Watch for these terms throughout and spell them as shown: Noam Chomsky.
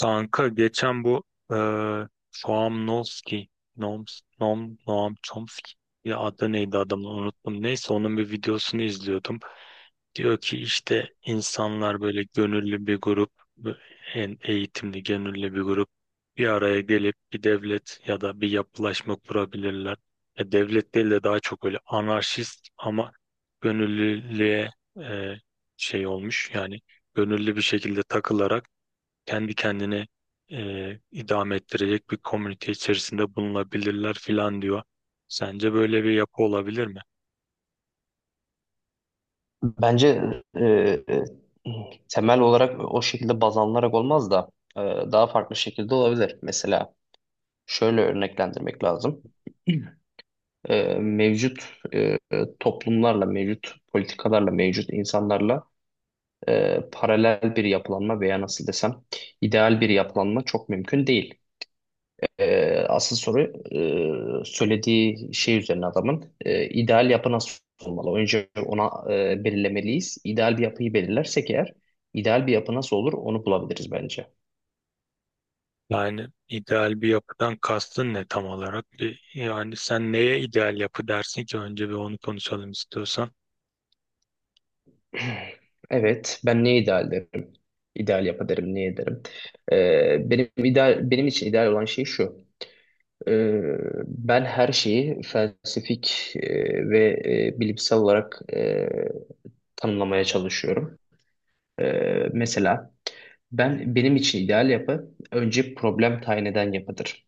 Kanka geçen bu eee Noam Chomsky, Noam Chomsky, ya adı neydi adamı unuttum. Neyse onun bir videosunu izliyordum. Diyor ki işte insanlar böyle gönüllü bir grup, en eğitimli gönüllü bir grup bir araya gelip bir devlet ya da bir yapılaşma kurabilirler. Ya devlet değil de daha çok öyle anarşist ama gönüllülüğe eee, şey olmuş yani gönüllü bir şekilde takılarak kendi kendini idame ettirecek bir komünite içerisinde bulunabilirler filan diyor. Sence böyle bir yapı olabilir mi? Bence e, temel olarak o şekilde baz alınarak olmaz da e, daha farklı şekilde olabilir. Mesela şöyle örneklendirmek lazım. Mevcut e, toplumlarla, mevcut politikalarla, mevcut insanlarla paralel bir yapılanma veya nasıl desem ideal bir yapılanma çok mümkün değil. Asıl soru söylediği şey üzerine adamın ideal yapı nasıl olmalı? Önce ona belirlemeliyiz. İdeal bir yapıyı belirlersek eğer ideal bir yapı nasıl olur onu bulabiliriz bence. Yani ideal bir yapıdan kastın ne tam olarak? Yani sen neye ideal yapı dersin ki önce bir onu konuşalım istiyorsan. Evet, ben ne ideal derim? İdeal yapı derim, ne derim? Benim ideal, benim için ideal olan şey şu. Ee, Ben her şeyi felsefik ve bilimsel olarak tanımlamaya çalışıyorum. Mesela ben benim için ideal yapı önce problem tayin eden yapıdır.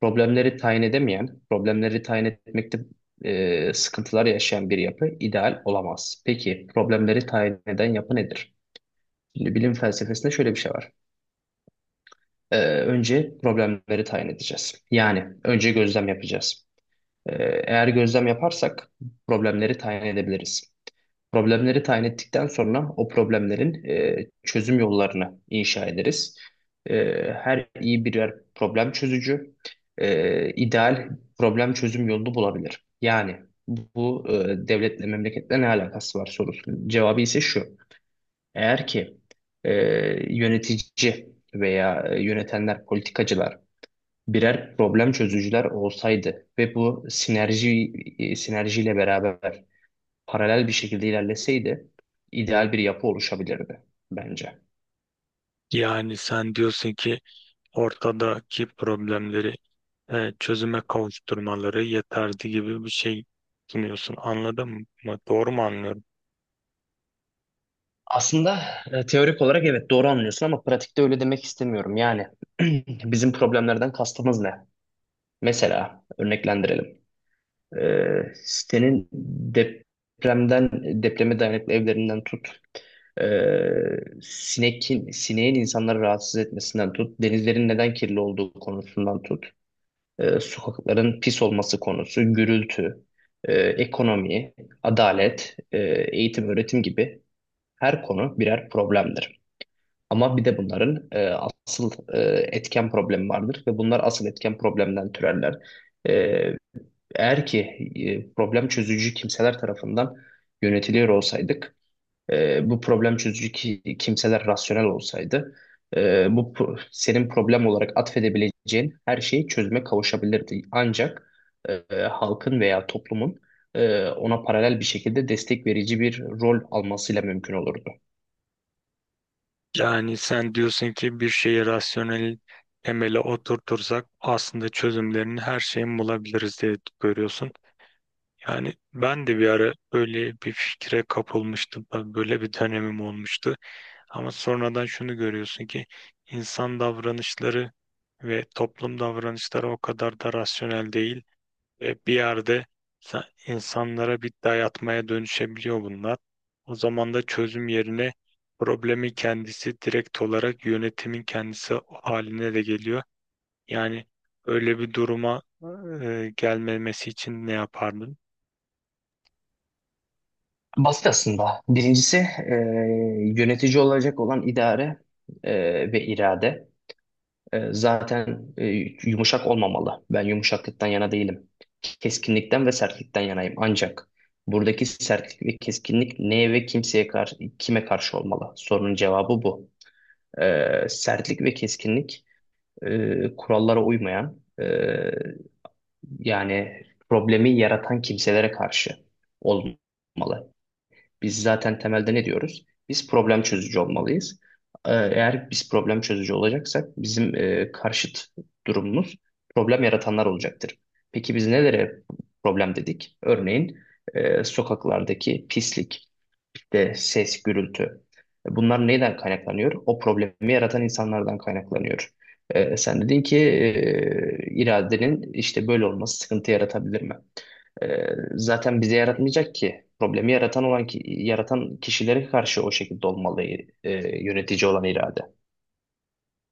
Problemleri tayin edemeyen, problemleri tayin etmekte sıkıntılar yaşayan bir yapı ideal olamaz. Peki problemleri tayin eden yapı nedir? Şimdi bilim felsefesinde şöyle bir şey var. Önce problemleri tayin edeceğiz. Yani önce gözlem yapacağız. Eğer gözlem yaparsak problemleri tayin edebiliriz. Problemleri tayin ettikten sonra o problemlerin çözüm yollarını inşa ederiz. E, Her iyi birer problem çözücü ideal problem çözüm yolunu bulabilir. Yani bu devletle memleketle ne alakası var sorusunun cevabı ise şu. Eğer ki e, yönetici veya yönetenler, politikacılar birer problem çözücüler olsaydı ve bu sinerji sinerjiyle beraber paralel bir şekilde ilerleseydi ideal bir yapı oluşabilirdi bence. Yani sen diyorsun ki ortadaki problemleri çözüme kavuşturmaları yeterli gibi bir şey sunuyorsun. Anladın mı? Doğru mu anlıyorum? Aslında teorik olarak evet doğru anlıyorsun ama pratikte öyle demek istemiyorum. Yani bizim problemlerden kastımız ne? Mesela örneklendirelim. Sitenin depremden depreme dayanıklı evlerinden tut sineğin insanları rahatsız etmesinden tut denizlerin neden kirli olduğu konusundan tut sokakların pis olması konusu gürültü ekonomi adalet eğitim öğretim gibi her konu birer problemdir. Ama bir de bunların asıl etken problemi vardır ve bunlar asıl etken problemden türerler. Ee, Eğer ki problem çözücü kimseler tarafından yönetiliyor olsaydık, bu problem çözücü kimseler rasyonel olsaydı, bu senin problem olarak atfedebileceğin her şeyi çözüme kavuşabilirdi. Ancak halkın veya toplumun ona paralel bir şekilde destek verici bir rol almasıyla mümkün olurdu. Yani sen diyorsun ki bir şeyi rasyonel temele oturtursak aslında çözümlerini her şeyin bulabiliriz diye görüyorsun. Yani ben de bir ara böyle bir fikre kapılmıştım. Ben böyle bir dönemim olmuştu. Ama sonradan şunu görüyorsun ki insan davranışları ve toplum davranışları o kadar da rasyonel değil. E, bir yerde insanlara bir dayatmaya dönüşebiliyor bunlar. O zaman da çözüm yerine problemi kendisi direkt olarak yönetimin kendisi haline de geliyor. Yani öyle bir duruma gelmemesi için ne yapardın? Basit aslında. Birincisi e, yönetici olacak olan idare ve irade. Zaten yumuşak olmamalı. Ben yumuşaklıktan yana değilim. Keskinlikten ve sertlikten yanayım. Ancak buradaki sertlik ve keskinlik neye ve kimseye karşı, kime karşı olmalı? Sorunun cevabı bu. Sertlik ve keskinlik kurallara uymayan yani problemi yaratan kimselere karşı olmalı. Biz zaten temelde ne diyoruz? Biz problem çözücü olmalıyız. Eğer biz problem çözücü olacaksak bizim karşıt durumumuz problem yaratanlar olacaktır. Peki biz nelere problem dedik? Örneğin sokaklardaki pislik, de ses, gürültü. Bunlar neyden kaynaklanıyor? O problemi yaratan insanlardan kaynaklanıyor. Sen dedin ki iradenin işte böyle olması sıkıntı yaratabilir mi? Ee, Zaten bize yaratmayacak ki. Problemi yaratan yaratan kişilere karşı o şekilde olmalı yönetici olan irade.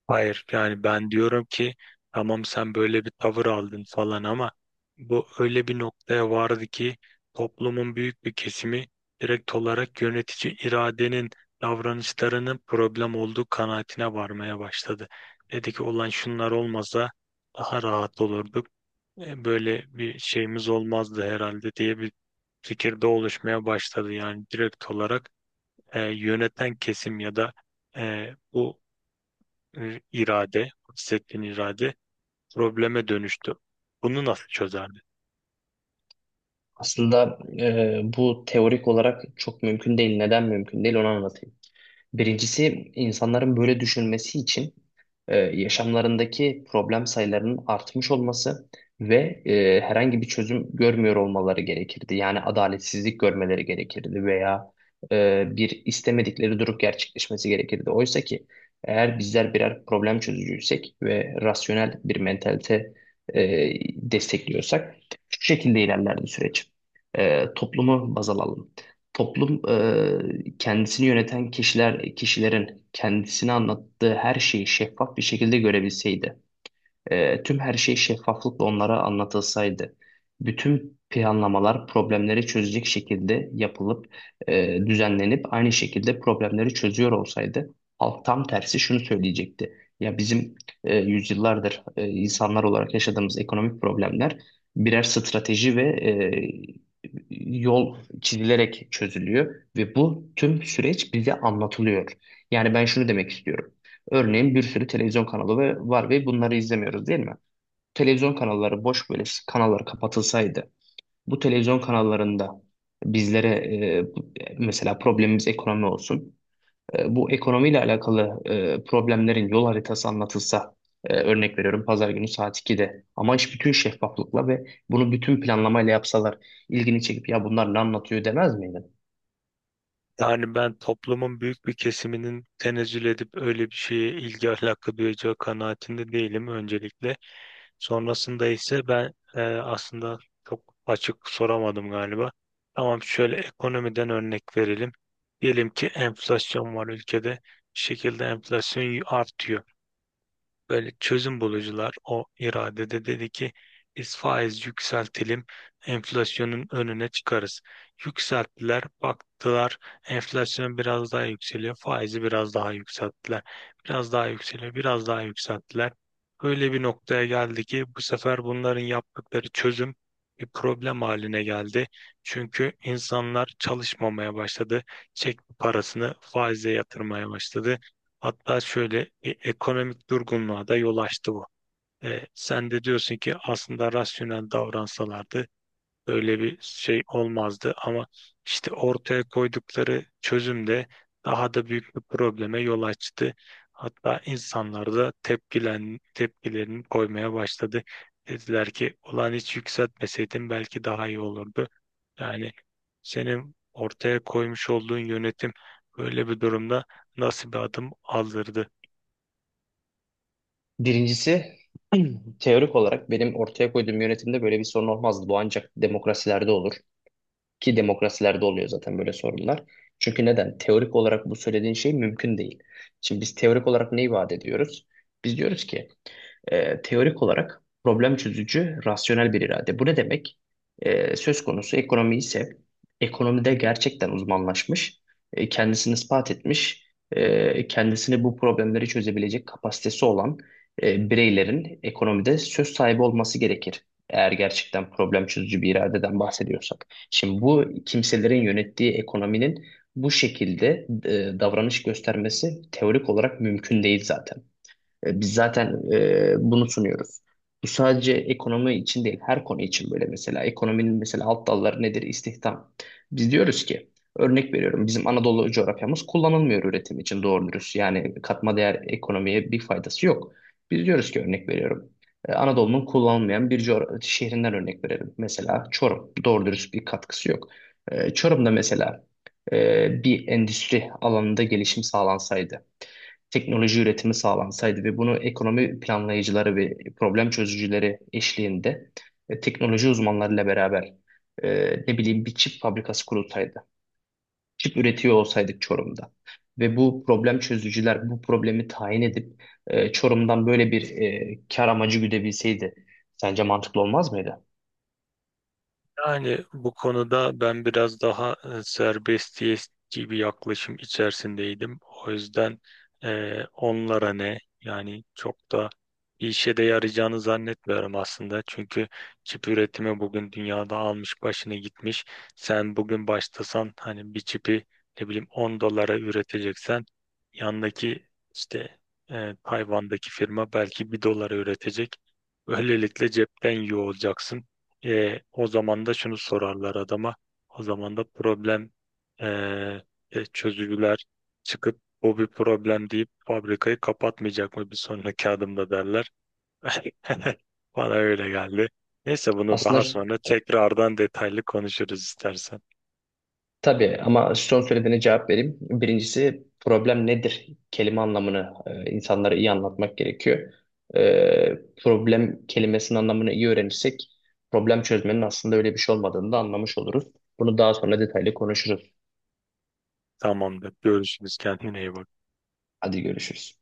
Hayır, yani ben diyorum ki tamam sen böyle bir tavır aldın falan ama bu öyle bir noktaya vardı ki toplumun büyük bir kesimi direkt olarak yönetici iradenin davranışlarının problem olduğu kanaatine varmaya başladı. Dedi ki olan şunlar olmasa daha rahat olurduk. E, böyle bir şeyimiz olmazdı herhalde diye bir fikirde oluşmaya başladı. Yani direkt olarak yöneten kesim ya da e, bu irade, bahsettiğin irade probleme dönüştü. Bunu nasıl çözerdi? Aslında bu teorik olarak çok mümkün değil. Neden mümkün değil onu anlatayım. Birincisi insanların böyle düşünmesi için yaşamlarındaki problem sayılarının artmış olması ve herhangi bir çözüm görmüyor olmaları gerekirdi. Yani adaletsizlik görmeleri gerekirdi veya bir istemedikleri durum gerçekleşmesi gerekirdi. Oysa ki eğer bizler birer problem çözücüysek ve rasyonel bir mentalite e, destekliyorsak şu şekilde ilerlerdi süreç. Toplumu baz alalım. Toplum kendisini yöneten kişilerin kendisine anlattığı her şeyi şeffaf bir şekilde görebilseydi. Tüm her şey şeffaflıkla onlara anlatılsaydı, bütün planlamalar problemleri çözecek şekilde yapılıp düzenlenip aynı şekilde problemleri çözüyor olsaydı, halk tam tersi şunu söyleyecekti. Ya bizim yüzyıllardır insanlar olarak yaşadığımız ekonomik problemler birer strateji ve yol çizilerek çözülüyor ve bu tüm süreç bize anlatılıyor. Yani ben şunu demek istiyorum. Örneğin bir sürü televizyon kanalı var ve bunları izlemiyoruz değil mi? Televizyon kanalları boş böyle kanallar kapatılsaydı bu televizyon kanallarında bizlere e, bu- mesela problemimiz ekonomi olsun. Bu ekonomiyle alakalı problemlerin yol haritası anlatılsa örnek veriyorum pazar günü saat 2'de ama iş bütün şeffaflıkla ve bunu bütün planlamayla yapsalar ilgini çekip ya bunlar ne anlatıyor demez miydi? Yani ben toplumun büyük bir kesiminin tenezzül edip öyle bir şeye ilgi alaka duyacağı kanaatinde değilim öncelikle. Sonrasında ise ben aslında çok açık soramadım galiba. Tamam, şöyle ekonomiden örnek verelim. Diyelim ki enflasyon var ülkede. Bir şekilde enflasyon artıyor. Böyle çözüm bulucular o iradede dedi ki biz faiz yükseltelim enflasyonun önüne çıkarız. Yükselttiler, baktılar enflasyon biraz daha yükseliyor, faizi biraz daha yükselttiler. Biraz daha yükseliyor, biraz daha yükselttiler. Öyle bir noktaya geldi ki bu sefer bunların yaptıkları çözüm bir problem haline geldi. Çünkü insanlar çalışmamaya başladı. Çek parasını faize yatırmaya başladı. Hatta şöyle bir ekonomik durgunluğa da yol açtı bu. E, sen de diyorsun ki aslında rasyonel davransalardı böyle bir şey olmazdı ama işte ortaya koydukları çözüm de daha da büyük bir probleme yol açtı. Hatta insanlar da tepkilerini koymaya başladı. Dediler ki ulan hiç yükseltmeseydin belki daha iyi olurdu. Yani senin ortaya koymuş olduğun yönetim böyle bir durumda nasıl bir adım aldırdı? Birincisi teorik olarak benim ortaya koyduğum yönetimde böyle bir sorun olmazdı. Bu ancak demokrasilerde olur. Ki demokrasilerde oluyor zaten böyle sorunlar. Çünkü neden? Teorik olarak bu söylediğin şey mümkün değil. Şimdi biz teorik olarak ne vaat ediyoruz? Biz diyoruz ki teorik olarak problem çözücü, rasyonel bir irade. Bu ne demek? Söz konusu ekonomi ise ekonomide gerçekten uzmanlaşmış, kendisini ispat etmiş, kendisini bu problemleri çözebilecek kapasitesi olan bireylerin ekonomide söz sahibi olması gerekir. Eğer gerçekten problem çözücü bir iradeden bahsediyorsak. Şimdi bu kimselerin yönettiği ekonominin bu şekilde davranış göstermesi teorik olarak mümkün değil zaten. Biz zaten bunu sunuyoruz. Bu sadece ekonomi için değil, her konu için böyle mesela. Ekonominin mesela alt dalları nedir? İstihdam. Biz diyoruz ki, örnek veriyorum bizim Anadolu coğrafyamız kullanılmıyor üretim için doğru dürüst. Yani katma değer ekonomiye bir faydası yok. Biz diyoruz ki örnek veriyorum. Anadolu'nun kullanılmayan bir şehrinden örnek verelim. Mesela Çorum. Doğru dürüst bir katkısı yok. Çorum'da mesela bir endüstri alanında gelişim sağlansaydı teknoloji üretimi sağlansaydı ve bunu ekonomi planlayıcıları ve problem çözücüleri eşliğinde teknoloji uzmanlarıyla beraber ne bileyim bir çip fabrikası kurulsaydı, çip üretiyor olsaydık Çorum'da ve bu problem çözücüler bu problemi tayin edip Çorum'dan böyle bir kar amacı güdebilseydi sence mantıklı olmaz mıydı? Yani bu konuda ben biraz daha serbestiyetçi bir yaklaşım içerisindeydim. O yüzden onlara ne yani çok da bir işe de yarayacağını zannetmiyorum aslında. Çünkü çip üretimi bugün dünyada almış başını gitmiş. Sen bugün başlasan hani bir çipi ne bileyim 10 dolara üreteceksen yandaki işte Tayvan'daki firma belki bir dolara üretecek. Böylelikle cepten yiyor olacaksın. E, o zaman da şunu sorarlar adama. O zaman da problem e, çözücüler çıkıp bu bir problem deyip fabrikayı kapatmayacak mı bir sonraki adımda derler. Bana öyle geldi. Neyse bunu daha Aslında sonra tekrardan detaylı konuşuruz istersen. tabii, ama son söylediğine cevap vereyim. Birincisi problem nedir? Kelime anlamını insanlara iyi anlatmak gerekiyor. E, Problem kelimesinin anlamını iyi öğrenirsek problem çözmenin aslında öyle bir şey olmadığını da anlamış oluruz. Bunu daha sonra detaylı konuşuruz. Tamamdır. Görüşürüz. Kendine iyi bak. Hadi görüşürüz.